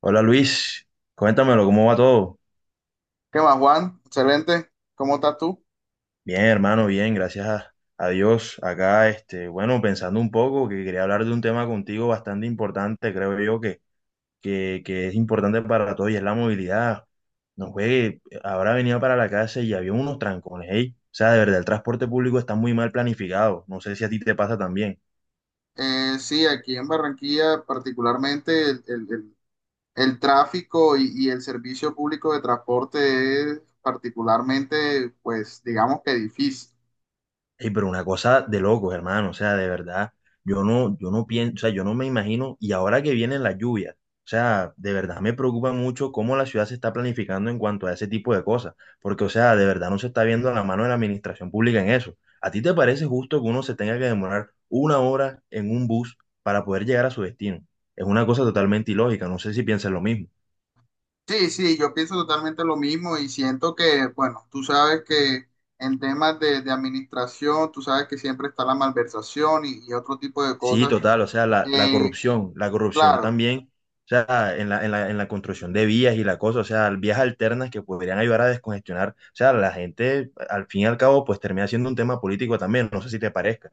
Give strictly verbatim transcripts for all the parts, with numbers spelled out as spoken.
Hola Luis, cuéntamelo, ¿cómo va todo? ¿Qué más, Juan? Excelente. ¿Cómo estás tú? Bien, hermano, bien, gracias a, a Dios. Acá, este, bueno, pensando un poco, que quería hablar de un tema contigo bastante importante, creo yo, que, que, que es importante para todos y es la movilidad. No juegue, habrá venido para la casa y había unos trancones, ey. O sea, de verdad, el transporte público está muy mal planificado. No sé si a ti te pasa también. Eh, sí, aquí en Barranquilla, particularmente el, el- el- el tráfico y, y el servicio público de transporte es particularmente, pues, digamos que difícil. Ey, pero una cosa de locos, hermano, o sea, de verdad, yo no, yo no pienso, o sea, yo no me imagino, y ahora que vienen las lluvias, o sea, de verdad me preocupa mucho cómo la ciudad se está planificando en cuanto a ese tipo de cosas, porque, o sea, de verdad no se está viendo la mano de la administración pública en eso. ¿A ti te parece justo que uno se tenga que demorar una hora en un bus para poder llegar a su destino? Es una cosa totalmente ilógica, no sé si piensas lo mismo. Sí, sí, yo pienso totalmente lo mismo y siento que, bueno, tú sabes que en temas de, de administración, tú sabes que siempre está la malversación y, y otro tipo de Sí, cosas. total, o sea, la, la Eh, corrupción, la corrupción claro. también, o sea, en la, en la, en la construcción de vías y la cosa, o sea, vías alternas que podrían ayudar a descongestionar, o sea, la gente, al fin y al cabo, pues termina siendo un tema político también, no sé si te parezca.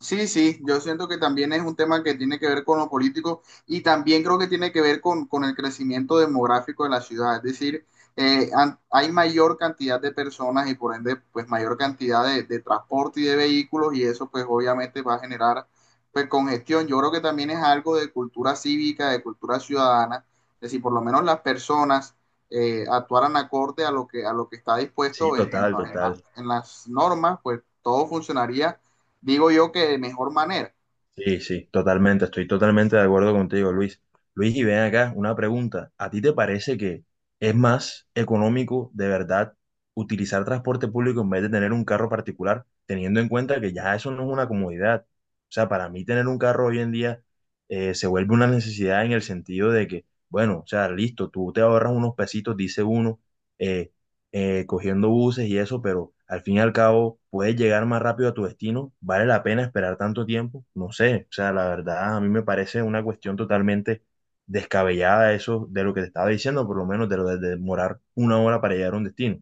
Sí, sí, yo siento que también es un tema que tiene que ver con lo político y también creo que tiene que ver con, con el crecimiento demográfico de la ciudad. Es decir, eh, an- hay mayor cantidad de personas y por ende, pues mayor cantidad de, de transporte y de vehículos y eso pues obviamente va a generar pues congestión. Yo creo que también es algo de cultura cívica, de cultura ciudadana. Es decir, por lo menos las personas eh, actuaran acorde a lo que, a lo que está Sí, dispuesto en, en- total, la- en las total. en las normas, pues todo funcionaría digo yo que de mejor manera. Sí, sí, totalmente, estoy totalmente de acuerdo contigo, Luis. Luis, y ven acá, una pregunta. ¿A ti te parece que es más económico de verdad utilizar transporte público en vez de tener un carro particular, teniendo en cuenta que ya eso no es una comodidad? O sea, para mí tener un carro hoy en día eh, se vuelve una necesidad en el sentido de que, bueno, o sea, listo, tú te ahorras unos pesitos, dice uno, eh, eh, cogiendo buses y eso, pero al fin y al cabo puedes llegar más rápido a tu destino. ¿Vale la pena esperar tanto tiempo? No sé, o sea, la verdad a mí me parece una cuestión totalmente descabellada eso de lo que te estaba diciendo, por lo menos de lo de demorar una hora para llegar a un destino.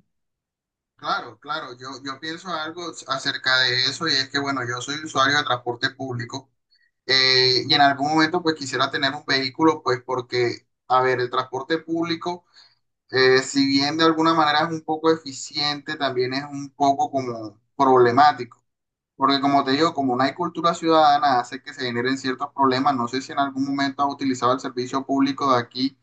Claro, claro, yo, yo pienso algo acerca de eso y es que, bueno, yo soy usuario de transporte público eh, y en algún momento pues quisiera tener un vehículo pues porque, a ver, el transporte público, eh, si bien de alguna manera es un poco eficiente, también es un poco como problemático. Porque como te digo, como no hay cultura ciudadana, hace que se generen ciertos problemas. No sé si en algún momento has utilizado el servicio público de aquí.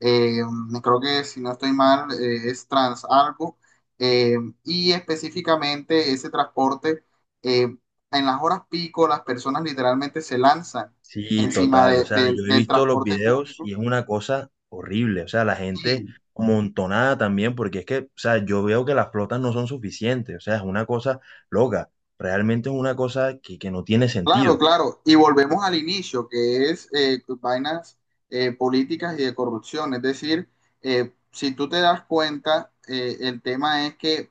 eh, Creo que si no estoy mal, eh, es Transalgo. eh, y específicamente ese transporte, eh, en las horas pico, las personas literalmente se lanzan Sí, encima total, o de- sea, de- yo he del visto los transporte videos público. y es una cosa horrible, o sea, la gente Sí, amontonada también, porque es que, o sea, yo veo que las flotas no son suficientes, o sea, es una cosa loca, realmente es una cosa que, que no tiene claro, sentido. claro. Y volvemos al inicio, que es eh, vainas eh, políticas y de corrupción. Es decir, eh, si tú te das cuenta, eh, el tema es que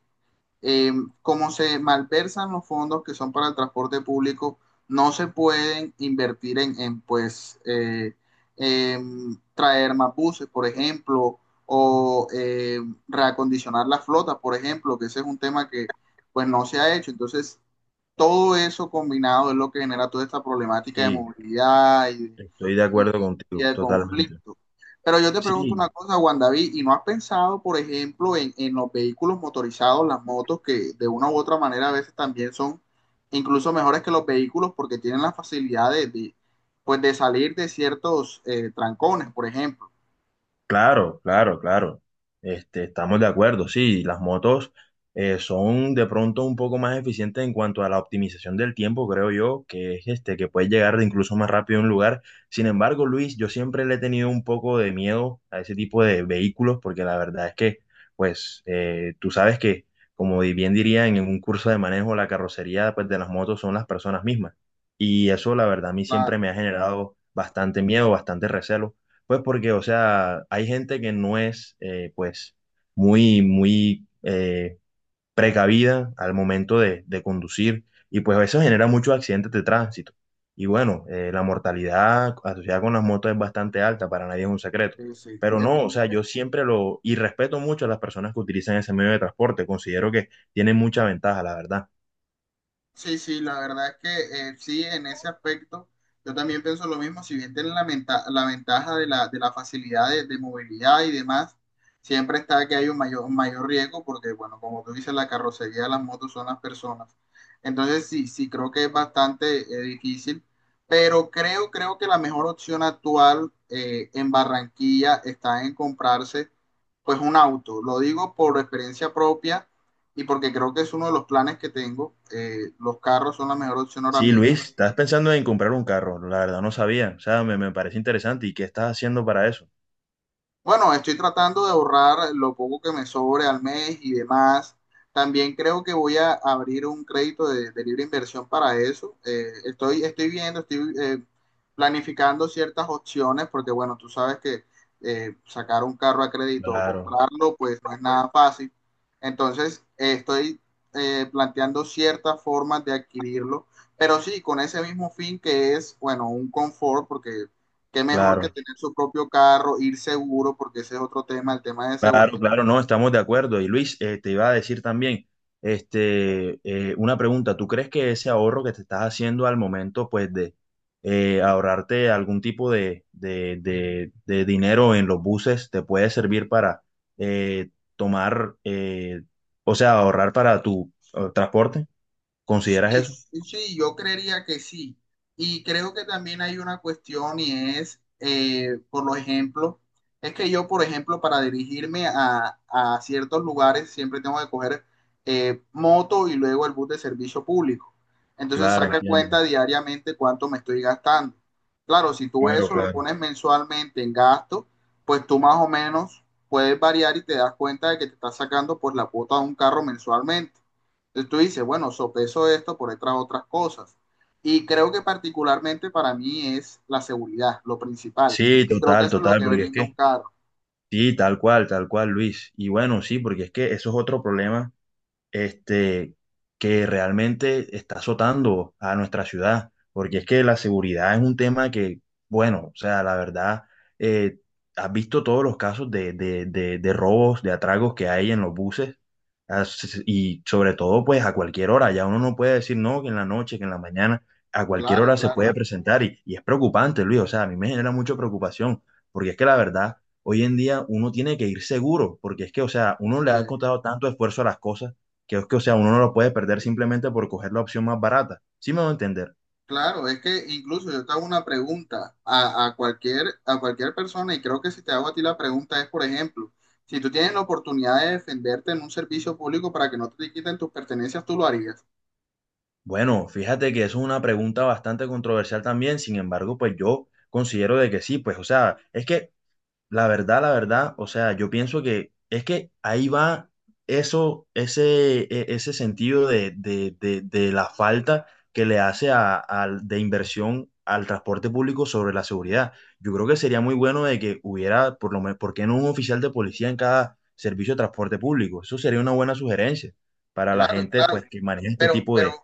eh, como se malversan los fondos que son para el transporte público, no se pueden invertir en, en, pues, eh, em, traer más buses, por ejemplo, o eh, reacondicionar la flota, por ejemplo, que ese es un tema que pues no se ha hecho. Entonces, todo eso combinado es lo que genera toda esta problemática de Sí. movilidad y de, Estoy de y, de, acuerdo y contigo, de totalmente. conflicto. Pero yo te pregunto Sí, una cosa, Juan David, ¿y no has pensado, por ejemplo, en, en los vehículos motorizados, las motos, que de una u otra manera a veces también son incluso mejores que los vehículos porque tienen la facilidad de, de, pues, de salir de ciertos eh, trancones, por ejemplo? claro, claro, claro. Este, estamos de acuerdo, sí, las motos eh, son de pronto un poco más eficientes en cuanto a la optimización del tiempo, creo yo, que es este, que puedes llegar incluso más rápido a un lugar. Sin embargo, Luis, yo siempre le he tenido un poco de miedo a ese tipo de vehículos, porque la verdad es que, pues, eh, tú sabes que, como bien dirían en un curso de manejo, la carrocería, pues, de las motos son las personas mismas. Y eso, la verdad, a mí siempre Claro, me ha generado bastante miedo, bastante recelo. Pues porque, o sea, hay gente que no es, eh, pues, muy, muy eh, precavida al momento de, de conducir y pues eso genera muchos accidentes de tránsito. Y bueno, eh, la mortalidad asociada con las motos es bastante alta, para nadie es un secreto. sí, sí. Pero Eh, no, o sea, yo siempre lo, y respeto mucho a las personas que utilizan ese medio de transporte, considero que tienen mucha ventaja, la verdad. Sí, sí, la verdad es que eh, sí, en ese aspecto yo también pienso lo mismo, si bien tienen la, menta- la ventaja de la, de la facilidad de, de movilidad y demás, siempre está que hay un mayor, un mayor riesgo porque, bueno, como tú dices, la carrocería de las motos son las personas. Entonces sí, sí, creo que es bastante eh, difícil, pero creo, creo que la mejor opción actual eh, en Barranquilla está en comprarse pues un auto. Lo digo por experiencia propia y porque creo que es uno de los planes que tengo. Eh, los carros son la mejor opción ahora Sí, mismo. Luis, estás pensando en comprar un carro, la verdad no sabía, o sea, me, me parece interesante. ¿Y qué estás haciendo para eso? Bueno, estoy tratando de ahorrar lo poco que me sobre al mes y demás. También creo que voy a abrir un crédito de, de libre inversión para eso. Eh, estoy, estoy viendo, estoy eh, planificando ciertas opciones porque, bueno, tú sabes que eh, sacar un carro a crédito o Claro, comprarlo, pues no es nada fácil. Entonces, eh, estoy eh, planteando ciertas formas de adquirirlo, pero sí, con ese mismo fin que es, bueno, un confort, porque qué mejor que claro. tener su propio carro, ir seguro, porque ese es otro tema, el tema de Claro, seguridad. claro, no, estamos de acuerdo. Y Luis, eh, te iba a decir también, este, eh, una pregunta, ¿tú crees que ese ahorro que te estás haciendo al momento, pues, de eh, ahorrarte algún tipo de, de, de- de dinero en los buses, te puede servir para eh, tomar, eh, o sea, ahorrar para tu eh, transporte? ¿Consideras Sí, eso? sí, sí, yo creería que sí. Y creo que también hay una cuestión y es, eh, por lo ejemplo, es que yo, por ejemplo, para dirigirme a, a ciertos lugares siempre tengo que coger eh, moto y luego el bus de servicio público. Entonces Claro, saca claro, entiendo. cuenta diariamente cuánto me estoy gastando. Claro, si tú Claro, eso lo claro, claro. pones mensualmente en gasto, pues tú más o menos puedes variar y te das cuenta de que te estás sacando por la cuota de un carro mensualmente, tú dices, bueno, sopeso esto por otras otras cosas. Y creo que particularmente para mí es la seguridad, lo principal. Sí, Creo que total, eso es lo total, que porque es brinda un que, carro. sí, tal cual, tal cual, Luis. Y bueno, sí, porque es que eso es otro problema este, que realmente está azotando a nuestra ciudad, porque es que la seguridad es un tema que, bueno, o sea, la verdad, eh, has visto todos los casos de, de, de, de robos, de atragos que hay en los buses, as- y sobre todo, pues a cualquier hora, ya uno no puede decir no, que en la noche, que en la mañana, a cualquier Claro, hora se claro, puede, claro, presentar, y, y es preocupante, Luis, o sea, a mí me genera mucha preocupación, porque es que la verdad, hoy en día uno tiene que ir seguro, porque es que, o sea, uno le así ha es. encontrado tanto esfuerzo a las cosas que es que, o sea, uno no lo puede perder simplemente por coger la opción más barata. ¿Sí me va a entender? Claro, es que incluso yo te hago una pregunta a, a cualquier, a cualquier persona y creo que si te hago a ti la pregunta es, por ejemplo, si tú tienes la oportunidad de defenderte en un servicio público para que no te quiten tus pertenencias, tú lo harías. Bueno, fíjate que eso es una pregunta bastante controversial también, sin embargo, pues yo considero de que sí, pues, o sea, es que la verdad, la verdad, o sea, yo pienso que es que ahí va eso, ese, e- ese sentido de, de- de- de la falta que le hace a- al- de inversión al transporte público sobre la seguridad. Yo creo que sería muy bueno de que hubiera, por lo menos, ¿por qué no un oficial de policía en cada servicio de transporte público? Eso sería una buena sugerencia para la Claro, gente, claro. pues, que maneja este Pero, tipo pero, de...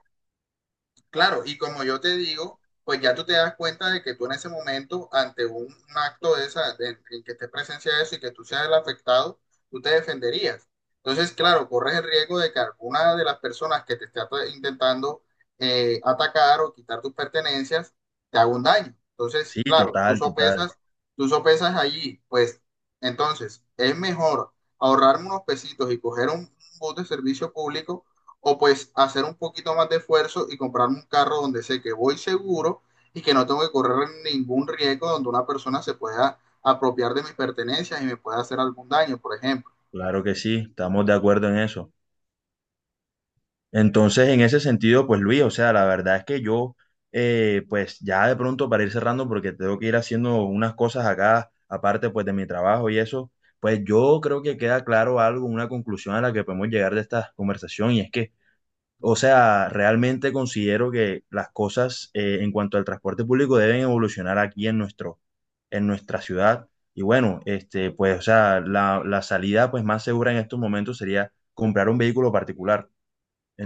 claro, y como yo te digo, pues ya tú te das cuenta de que tú en ese momento, ante un, un acto de esa, de- en que esté presencia de eso y que tú seas el afectado, tú te defenderías. Entonces, claro, corres el riesgo de que alguna de las personas que te esté at- intentando eh, atacar o quitar tus pertenencias te haga un daño. Entonces, Sí, claro, tú total, total. sopesas, tú sopesas allí, pues entonces es mejor ahorrarme unos pesitos y coger un un bus de servicio público o pues hacer un poquito más de esfuerzo y comprarme un carro donde sé que voy seguro y que no tengo que correr ningún riesgo donde una persona se pueda apropiar de mis pertenencias y me pueda hacer algún daño, por ejemplo. Claro que sí, estamos de acuerdo en eso. Entonces, en ese sentido, pues Luis, o sea, la verdad es que yo, eh, pues ya de pronto para ir cerrando, porque tengo que ir haciendo unas cosas acá, aparte pues de mi trabajo y eso, pues yo creo que queda claro algo, una conclusión a la que podemos llegar de esta conversación, y es que, o sea, realmente considero que las cosas eh, en cuanto al transporte público deben evolucionar aquí en nuestro, en nuestra ciudad. Y bueno, este, pues, o sea, la, la salida pues más segura en estos momentos sería comprar un vehículo particular.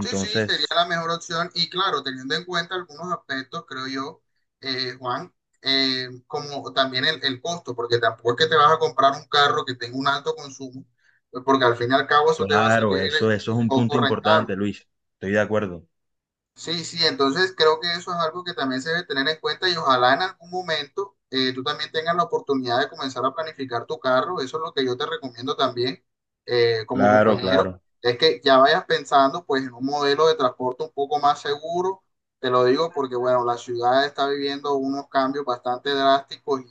Sí, sí, sería la mejor opción y claro, teniendo en cuenta algunos aspectos, creo yo, eh, Juan, eh, como también el, el costo, porque tampoco es que te vas a comprar un carro que tenga un alto consumo, porque al fin y al cabo eso te va a Claro, salir eso, eso es un punto poco rentable. importante, Luis. Estoy de acuerdo. Sí, sí, entonces creo que eso es algo que también se debe tener en cuenta y ojalá en algún momento eh, tú también tengas la oportunidad de comenzar a planificar tu carro. Eso es lo que yo te recomiendo también eh, como Claro, compañero, claro. es que ya vayas pensando pues en un modelo de transporte un poco más seguro. Te lo digo porque bueno, la ciudad está viviendo unos cambios bastante drásticos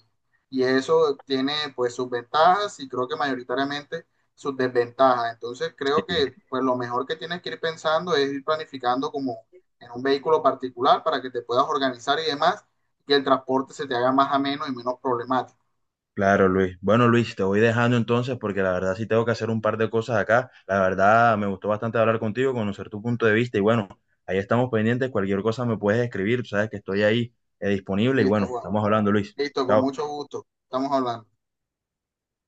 y, y eso tiene pues sus ventajas y creo que mayoritariamente sus desventajas. Entonces creo Sí, que pues lo mejor que tienes que ir pensando es ir planificando como en un vehículo particular para que te puedas organizar y demás, que el transporte se te haga más ameno y menos problemático. claro, Luis. Bueno, Luis, te voy dejando entonces porque la verdad sí tengo que hacer un par de cosas acá. La verdad me gustó bastante hablar contigo, conocer tu punto de vista y bueno, ahí estamos pendientes. Cualquier cosa me puedes escribir, tú sabes que estoy ahí eh, disponible y Listo, bueno, Juan. estamos hablando, Luis. Listo, con Chao. mucho gusto. Estamos hablando.